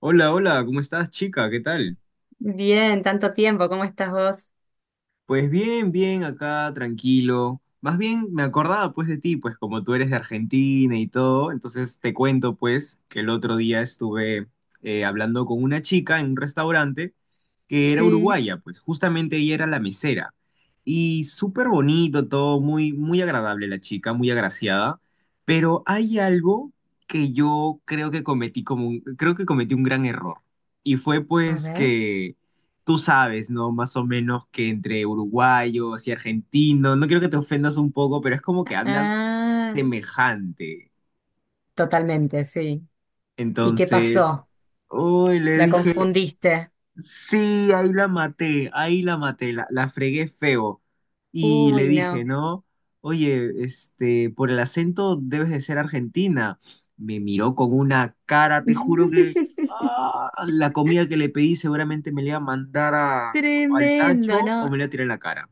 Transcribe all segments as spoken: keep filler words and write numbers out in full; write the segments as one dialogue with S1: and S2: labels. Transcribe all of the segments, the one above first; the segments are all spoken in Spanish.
S1: Hola, hola, ¿cómo estás, chica? ¿Qué tal?
S2: Bien, tanto tiempo, ¿cómo estás vos?
S1: Pues bien, bien, acá, tranquilo. Más bien me acordaba pues de ti, pues como tú eres de Argentina y todo, entonces te cuento pues que el otro día estuve eh, hablando con una chica en un restaurante que era
S2: Sí,
S1: uruguaya, pues justamente ella era la mesera. Y súper bonito todo, muy, muy agradable la chica, muy agraciada, pero hay algo que yo creo que cometí como un, creo que cometí un gran error. Y fue
S2: a
S1: pues
S2: ver.
S1: que tú sabes, ¿no? Más o menos que entre uruguayos y argentinos, no quiero que te ofendas un poco, pero es como que hablan
S2: Ah,
S1: semejante.
S2: totalmente, sí. ¿Y qué
S1: Entonces,
S2: pasó?
S1: uy, le
S2: ¿La
S1: dije,
S2: confundiste?
S1: sí, ahí la maté, ahí la maté, la, la fregué feo. Y le
S2: Uy,
S1: dije,
S2: no.
S1: ¿no? Oye, este, por el acento debes de ser argentina. Me miró con una cara, te juro que ah, la comida que le pedí seguramente me la iba a mandar a- al
S2: Tremendo,
S1: tacho o me
S2: ¿no?
S1: la iba a tirar en la cara.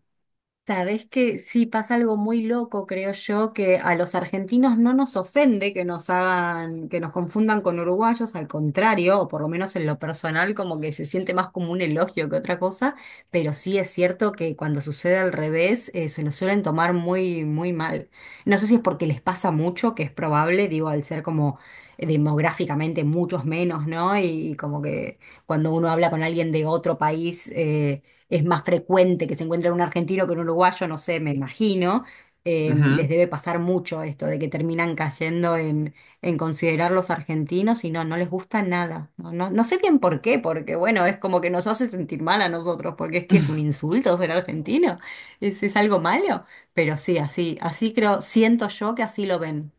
S2: Sabes que sí pasa algo muy loco, creo yo, que a los argentinos no nos ofende que nos hagan, que nos confundan con uruguayos, al contrario, o por lo menos en lo personal, como que se siente más como un elogio que otra cosa, pero sí es cierto que cuando sucede al revés, eh, se lo suelen tomar muy, muy mal. No sé si es porque les pasa mucho, que es probable, digo, al ser como eh, demográficamente muchos menos, ¿no? Y, y como que cuando uno habla con alguien de otro país, eh, es más frecuente que se encuentre un argentino que un uruguayo, no sé, me imagino. Eh,
S1: Ujú.
S2: les debe pasar mucho esto de que terminan cayendo en, en considerar los argentinos y no, no les gusta nada. No, no, no sé bien por qué, porque bueno, es como que nos hace sentir mal a nosotros, porque es que es un insulto ser argentino, es, es algo malo. Pero sí, así, así creo, siento yo que así lo ven.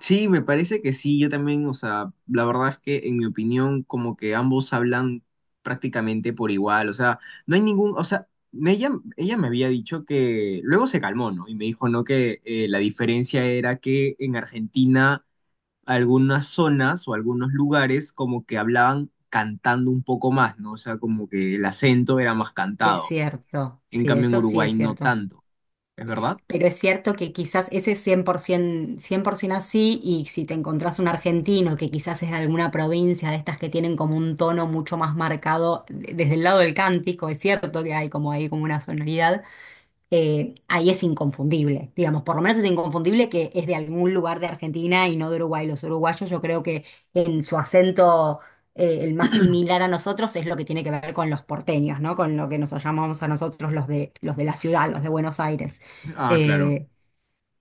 S1: Sí, me parece que sí, yo también, o sea, la verdad es que en mi opinión como que ambos hablan prácticamente por igual, o sea, no hay ningún, o sea, me- ella, ella me había dicho que luego se calmó, ¿no? Y me dijo, ¿no? Que eh, la diferencia era que en Argentina algunas zonas o algunos lugares como que hablaban cantando un poco más, ¿no? O sea, como que el acento era más
S2: Es
S1: cantado,
S2: cierto,
S1: en
S2: sí,
S1: cambio en
S2: eso sí es
S1: Uruguay no
S2: cierto.
S1: tanto, ¿es verdad?
S2: Pero es cierto que quizás ese es cien por cien por ciento así, y si te encontrás un argentino que quizás es de alguna provincia de estas que tienen como un tono mucho más marcado de- desde el lado del cántico, es cierto que hay como ahí como una sonoridad, eh, ahí es inconfundible, digamos, por lo menos es inconfundible que es de algún lugar de Argentina y no de Uruguay. Los uruguayos yo creo que en su acento eh, el más similar a nosotros es lo que tiene que ver con los porteños, ¿no? Con lo que nos llamamos a nosotros los de, los de la ciudad, los de Buenos Aires.
S1: Ah, claro,
S2: Eh,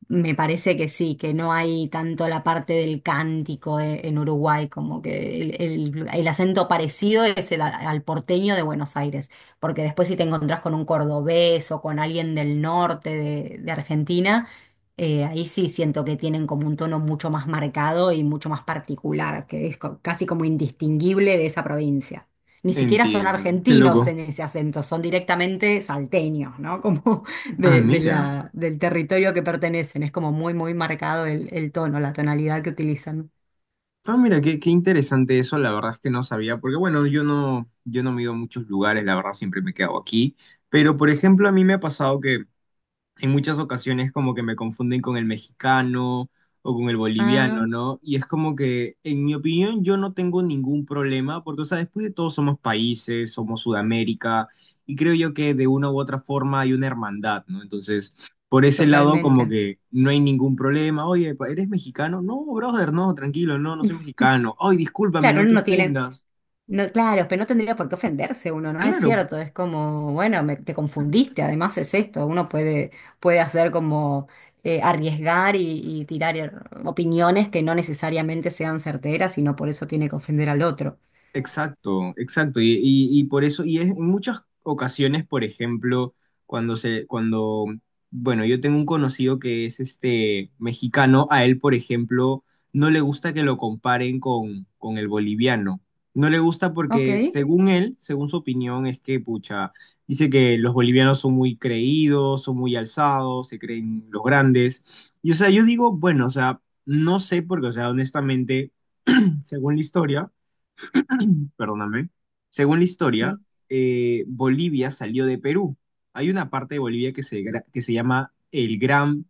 S2: Me parece que sí, que no hay tanto la parte del cántico e- en Uruguay, como que el, el- el acento parecido es el a- al porteño de Buenos Aires, porque después si te encontrás con un cordobés o con alguien del norte de, de Argentina, eh, ahí sí siento que tienen como un tono mucho más marcado y mucho más particular, que es co- casi como indistinguible de esa provincia. Ni siquiera son
S1: entiendo, qué
S2: argentinos
S1: loco.
S2: en ese acento, son directamente salteños, ¿no? Como
S1: Ah,
S2: de, de
S1: mira.
S2: la, del territorio que pertenecen. Es como muy, muy marcado el, el tono, la tonalidad que utilizan.
S1: Ah, mira, qué, qué interesante eso, la verdad es que no sabía, porque bueno, yo no, yo no me he ido a muchos lugares, la verdad siempre me he quedado aquí, pero por ejemplo a mí me ha pasado que en muchas ocasiones como que me confunden con el mexicano o con el boliviano,
S2: Ah,
S1: ¿no? Y es como que, en mi opinión, yo no tengo ningún problema, porque, o sea, después de todo somos países, somos Sudamérica, y creo yo que de una u otra forma hay una hermandad, ¿no? Entonces, por ese lado como
S2: totalmente.
S1: que no hay ningún problema. Oye, pa- ¿eres mexicano? No, brother, no, tranquilo, no, no soy mexicano. Ay, discúlpame,
S2: Claro,
S1: no
S2: uno
S1: te
S2: no tiene,
S1: ofendas.
S2: no, claro, pero no tendría por qué ofenderse uno, ¿no? Es
S1: Claro,
S2: cierto, es como, bueno, me- te confundiste, además es esto, uno puede, puede hacer como eh, arriesgar y, y tirar eh, opiniones que no necesariamente sean certeras y no por eso tiene que ofender al otro.
S1: exacto, exacto. Y, y- y por eso, y es en muchas ocasiones, por ejemplo, cuando se, cuando, bueno, yo tengo un conocido que es este mexicano, a él, por ejemplo, no le gusta que lo comparen con, con el boliviano. No le gusta
S2: Ok,
S1: porque, según él, según su opinión, es que, pucha, dice que los bolivianos son muy creídos, son muy alzados, se creen los grandes. Y, o sea, yo digo, bueno, o sea, no sé porque, o sea, honestamente, según la historia, perdóname, según la historia,
S2: sí.
S1: eh, Bolivia salió de Perú. Hay una parte de Bolivia que se, gra- que se llama el Gran,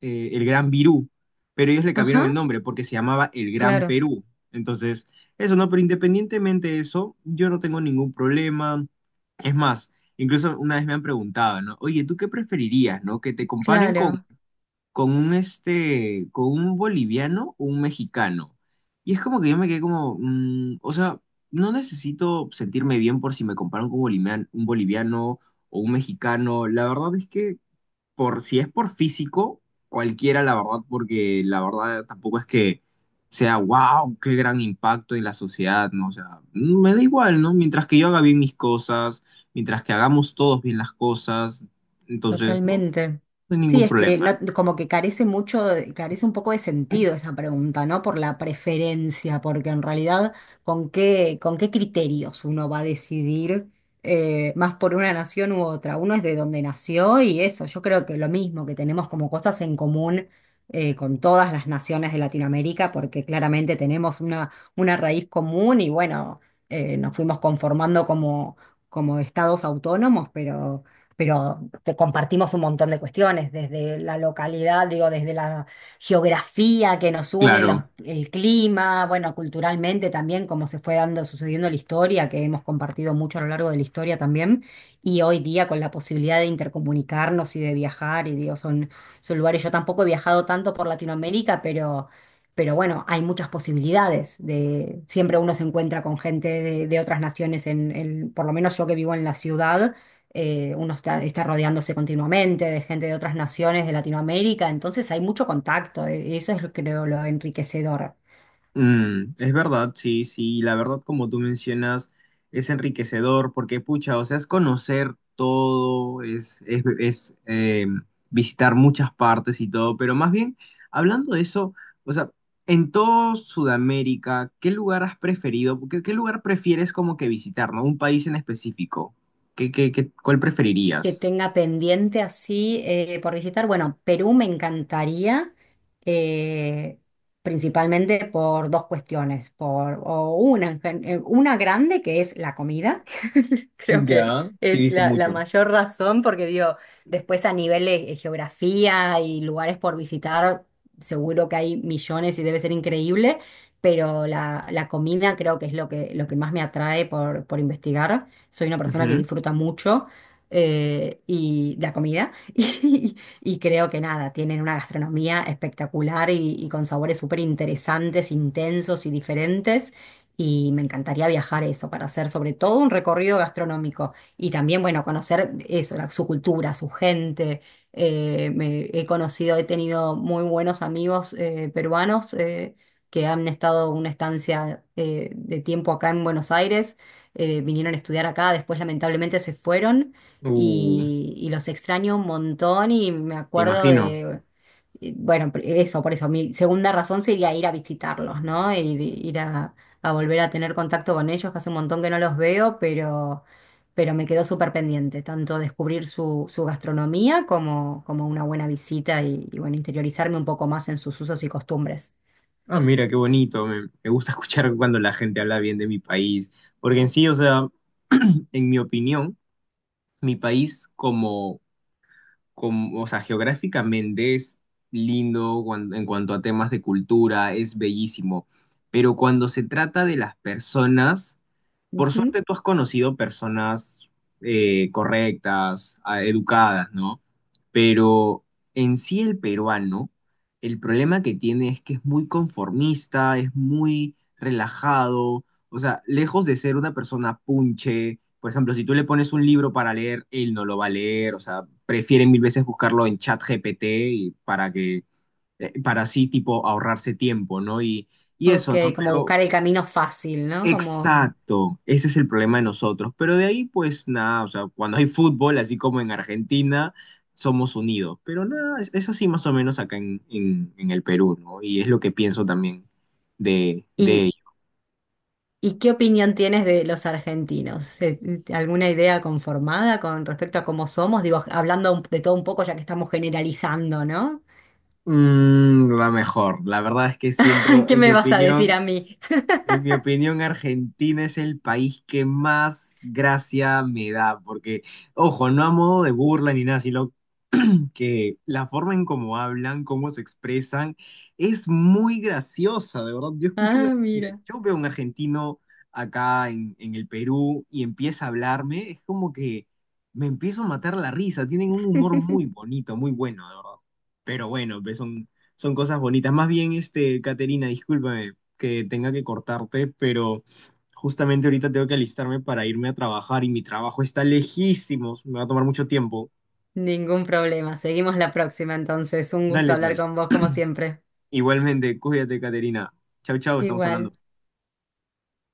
S1: eh, el Gran Virú, pero ellos le cambiaron el
S2: Ajá,
S1: nombre porque se llamaba el Gran
S2: claro,
S1: Perú. Entonces, eso no, pero independientemente de eso, yo no tengo ningún problema. Es más, incluso una vez me han preguntado, ¿no? Oye, ¿tú qué preferirías, no? ¿Que te comparen con
S2: claro.
S1: con un este, con un boliviano o un mexicano? Y es como que yo me quedé como, mm, o sea, no necesito sentirme bien por si me comparan con un bolivian- un boliviano o un mexicano. La verdad es que por si es por físico, cualquiera, la verdad, porque la verdad tampoco es que sea, wow, qué gran impacto en la sociedad, ¿no? O sea, me da igual, ¿no? Mientras que yo haga bien mis cosas, mientras que hagamos todos bien las cosas, entonces, no,
S2: Totalmente.
S1: no hay
S2: Sí,
S1: ningún
S2: es que
S1: problema,
S2: no-
S1: ¿no?
S2: como que carece mucho, de- carece un poco de sentido esa pregunta, ¿no? Por la preferencia, porque en realidad, ¿con qué, con qué criterios uno va a decidir eh, más por una nación u otra? Uno es de donde nació y eso, yo creo que lo mismo, que tenemos como cosas en común eh, con todas las naciones de Latinoamérica, porque claramente tenemos una, una raíz común y bueno, eh, nos fuimos conformando como, como estados autónomos, pero pero te compartimos un montón de cuestiones, desde la localidad, digo, desde la geografía que nos une,
S1: Claro.
S2: los- el clima, bueno, culturalmente también, cómo se fue dando, sucediendo la historia, que hemos compartido mucho a lo largo de la historia también, y hoy día con la posibilidad de intercomunicarnos y de viajar, y digo, son, son lugares, yo tampoco he viajado tanto por Latinoamérica, pero... Pero bueno, hay muchas posibilidades de siempre uno se encuentra con gente de, de otras naciones en, en- por lo menos yo que vivo en la ciudad, eh, uno está, está rodeándose continuamente de gente de otras naciones de Latinoamérica, entonces hay mucho contacto, eh, eso es lo- creo lo enriquecedor.
S1: Mm, es verdad, sí, sí, la verdad como tú mencionas es enriquecedor porque pucha, o sea, es conocer todo, es, es, es, eh, visitar muchas partes y todo, pero más bien, hablando de eso, o sea, en todo Sudamérica, ¿qué lugar has preferido? ¿Qué, qué lugar prefieres como que visitar, ¿no? Un país en específico. ¿Qué, qué, qué- ¿cuál
S2: Que
S1: preferirías?
S2: tenga pendiente así eh, por visitar, bueno, Perú me encantaría, eh, principalmente por dos cuestiones, por o una, en gen- eh, una grande que es la comida. Creo que
S1: Ya, sí
S2: es
S1: dice
S2: la, la
S1: mucho.
S2: mayor razón, porque digo, después a nivel de eh, geografía y lugares por visitar, seguro que hay millones y debe ser increíble, pero la, la comida creo que es lo que, lo que más me atrae por, por investigar. Soy una persona que
S1: Ujú.
S2: disfruta mucho eh, y la comida, y, y creo que nada, tienen una gastronomía espectacular y, y con sabores súper interesantes, intensos y diferentes. Y me encantaría viajar a eso para hacer sobre todo un recorrido gastronómico y también, bueno, conocer eso, la- su cultura, su gente. Eh, me- he conocido, he tenido muy buenos amigos eh, peruanos eh, que han estado una estancia eh, de tiempo acá en Buenos Aires, eh, vinieron a estudiar acá, después lamentablemente se fueron
S1: Uh,
S2: y, y los extraño un montón y me
S1: me
S2: acuerdo
S1: imagino.
S2: de... Bueno, pr- eso, por eso, mi segunda razón sería ir a visitarlos, ¿no? Ir, ir a, a volver a tener contacto con ellos, que hace un montón que no los veo, pero, pero me quedó súper pendiente, tanto descubrir su, su gastronomía como, como una buena visita y, y, bueno, interiorizarme un poco más en sus usos y costumbres.
S1: Ah, mira, qué bonito. Me, me gusta escuchar cuando la gente habla bien de mi país, porque en sí, o sea, en mi opinión, mi país como, como, o sea, geográficamente es lindo cuan- en cuanto a temas de cultura, es bellísimo, pero cuando se trata de las personas... Por suerte
S2: Ujú.
S1: tú has conocido personas eh, correctas, a- educadas, ¿no? Pero en sí el peruano, el problema que tiene es que es muy conformista, es muy relajado, o sea, lejos de ser una persona punche, por ejemplo, si tú le pones un libro para leer, él no lo va a leer, o sea, prefiere mil veces buscarlo en ChatGPT y para que eh, para así tipo ahorrarse tiempo, ¿no? Y, y
S2: Ok,
S1: eso, ¿no?
S2: como
S1: Pero
S2: buscar el camino fácil, ¿no? Como...
S1: exacto, ese es el problema de nosotros. Pero de ahí, pues nada, o sea, cuando hay fútbol, así como en Argentina, somos unidos. Pero nada, es, es así más o menos acá en, en- en el Perú, ¿no? Y es lo que pienso también de, de
S2: ¿Y,
S1: ello.
S2: y qué opinión tienes de los argentinos? Eh, ¿Alguna idea conformada con respecto a cómo somos? Digo, hablando un- de todo un poco, ya que estamos generalizando, ¿no?
S1: Mm, la mejor, la verdad es que siento,
S2: ¿Qué
S1: en mi
S2: me vas a decir
S1: opinión,
S2: a mí?
S1: en mi opinión, Argentina es el país que más gracia me da, porque, ojo, no a modo de burla ni nada, sino que la forma en cómo hablan, cómo se expresan, es muy graciosa, de verdad. Yo escucho un, ar-
S2: Ah,
S1: mira,
S2: mira.
S1: yo veo un argentino acá en, en el Perú y empieza a hablarme, es como que me empiezo a matar la risa. Tienen un humor muy bonito, muy bueno, de verdad. Pero bueno, pues son, son cosas bonitas. Más bien, este, Caterina, discúlpame que tenga que cortarte, pero justamente ahorita tengo que alistarme para irme a trabajar y mi trabajo está lejísimos, me va a tomar mucho tiempo.
S2: Ningún problema. Seguimos la próxima entonces. Un gusto
S1: Dale,
S2: hablar
S1: pues.
S2: con vos como siempre.
S1: Igualmente, cuídate, Caterina. Chau, chau, estamos hablando.
S2: Igual.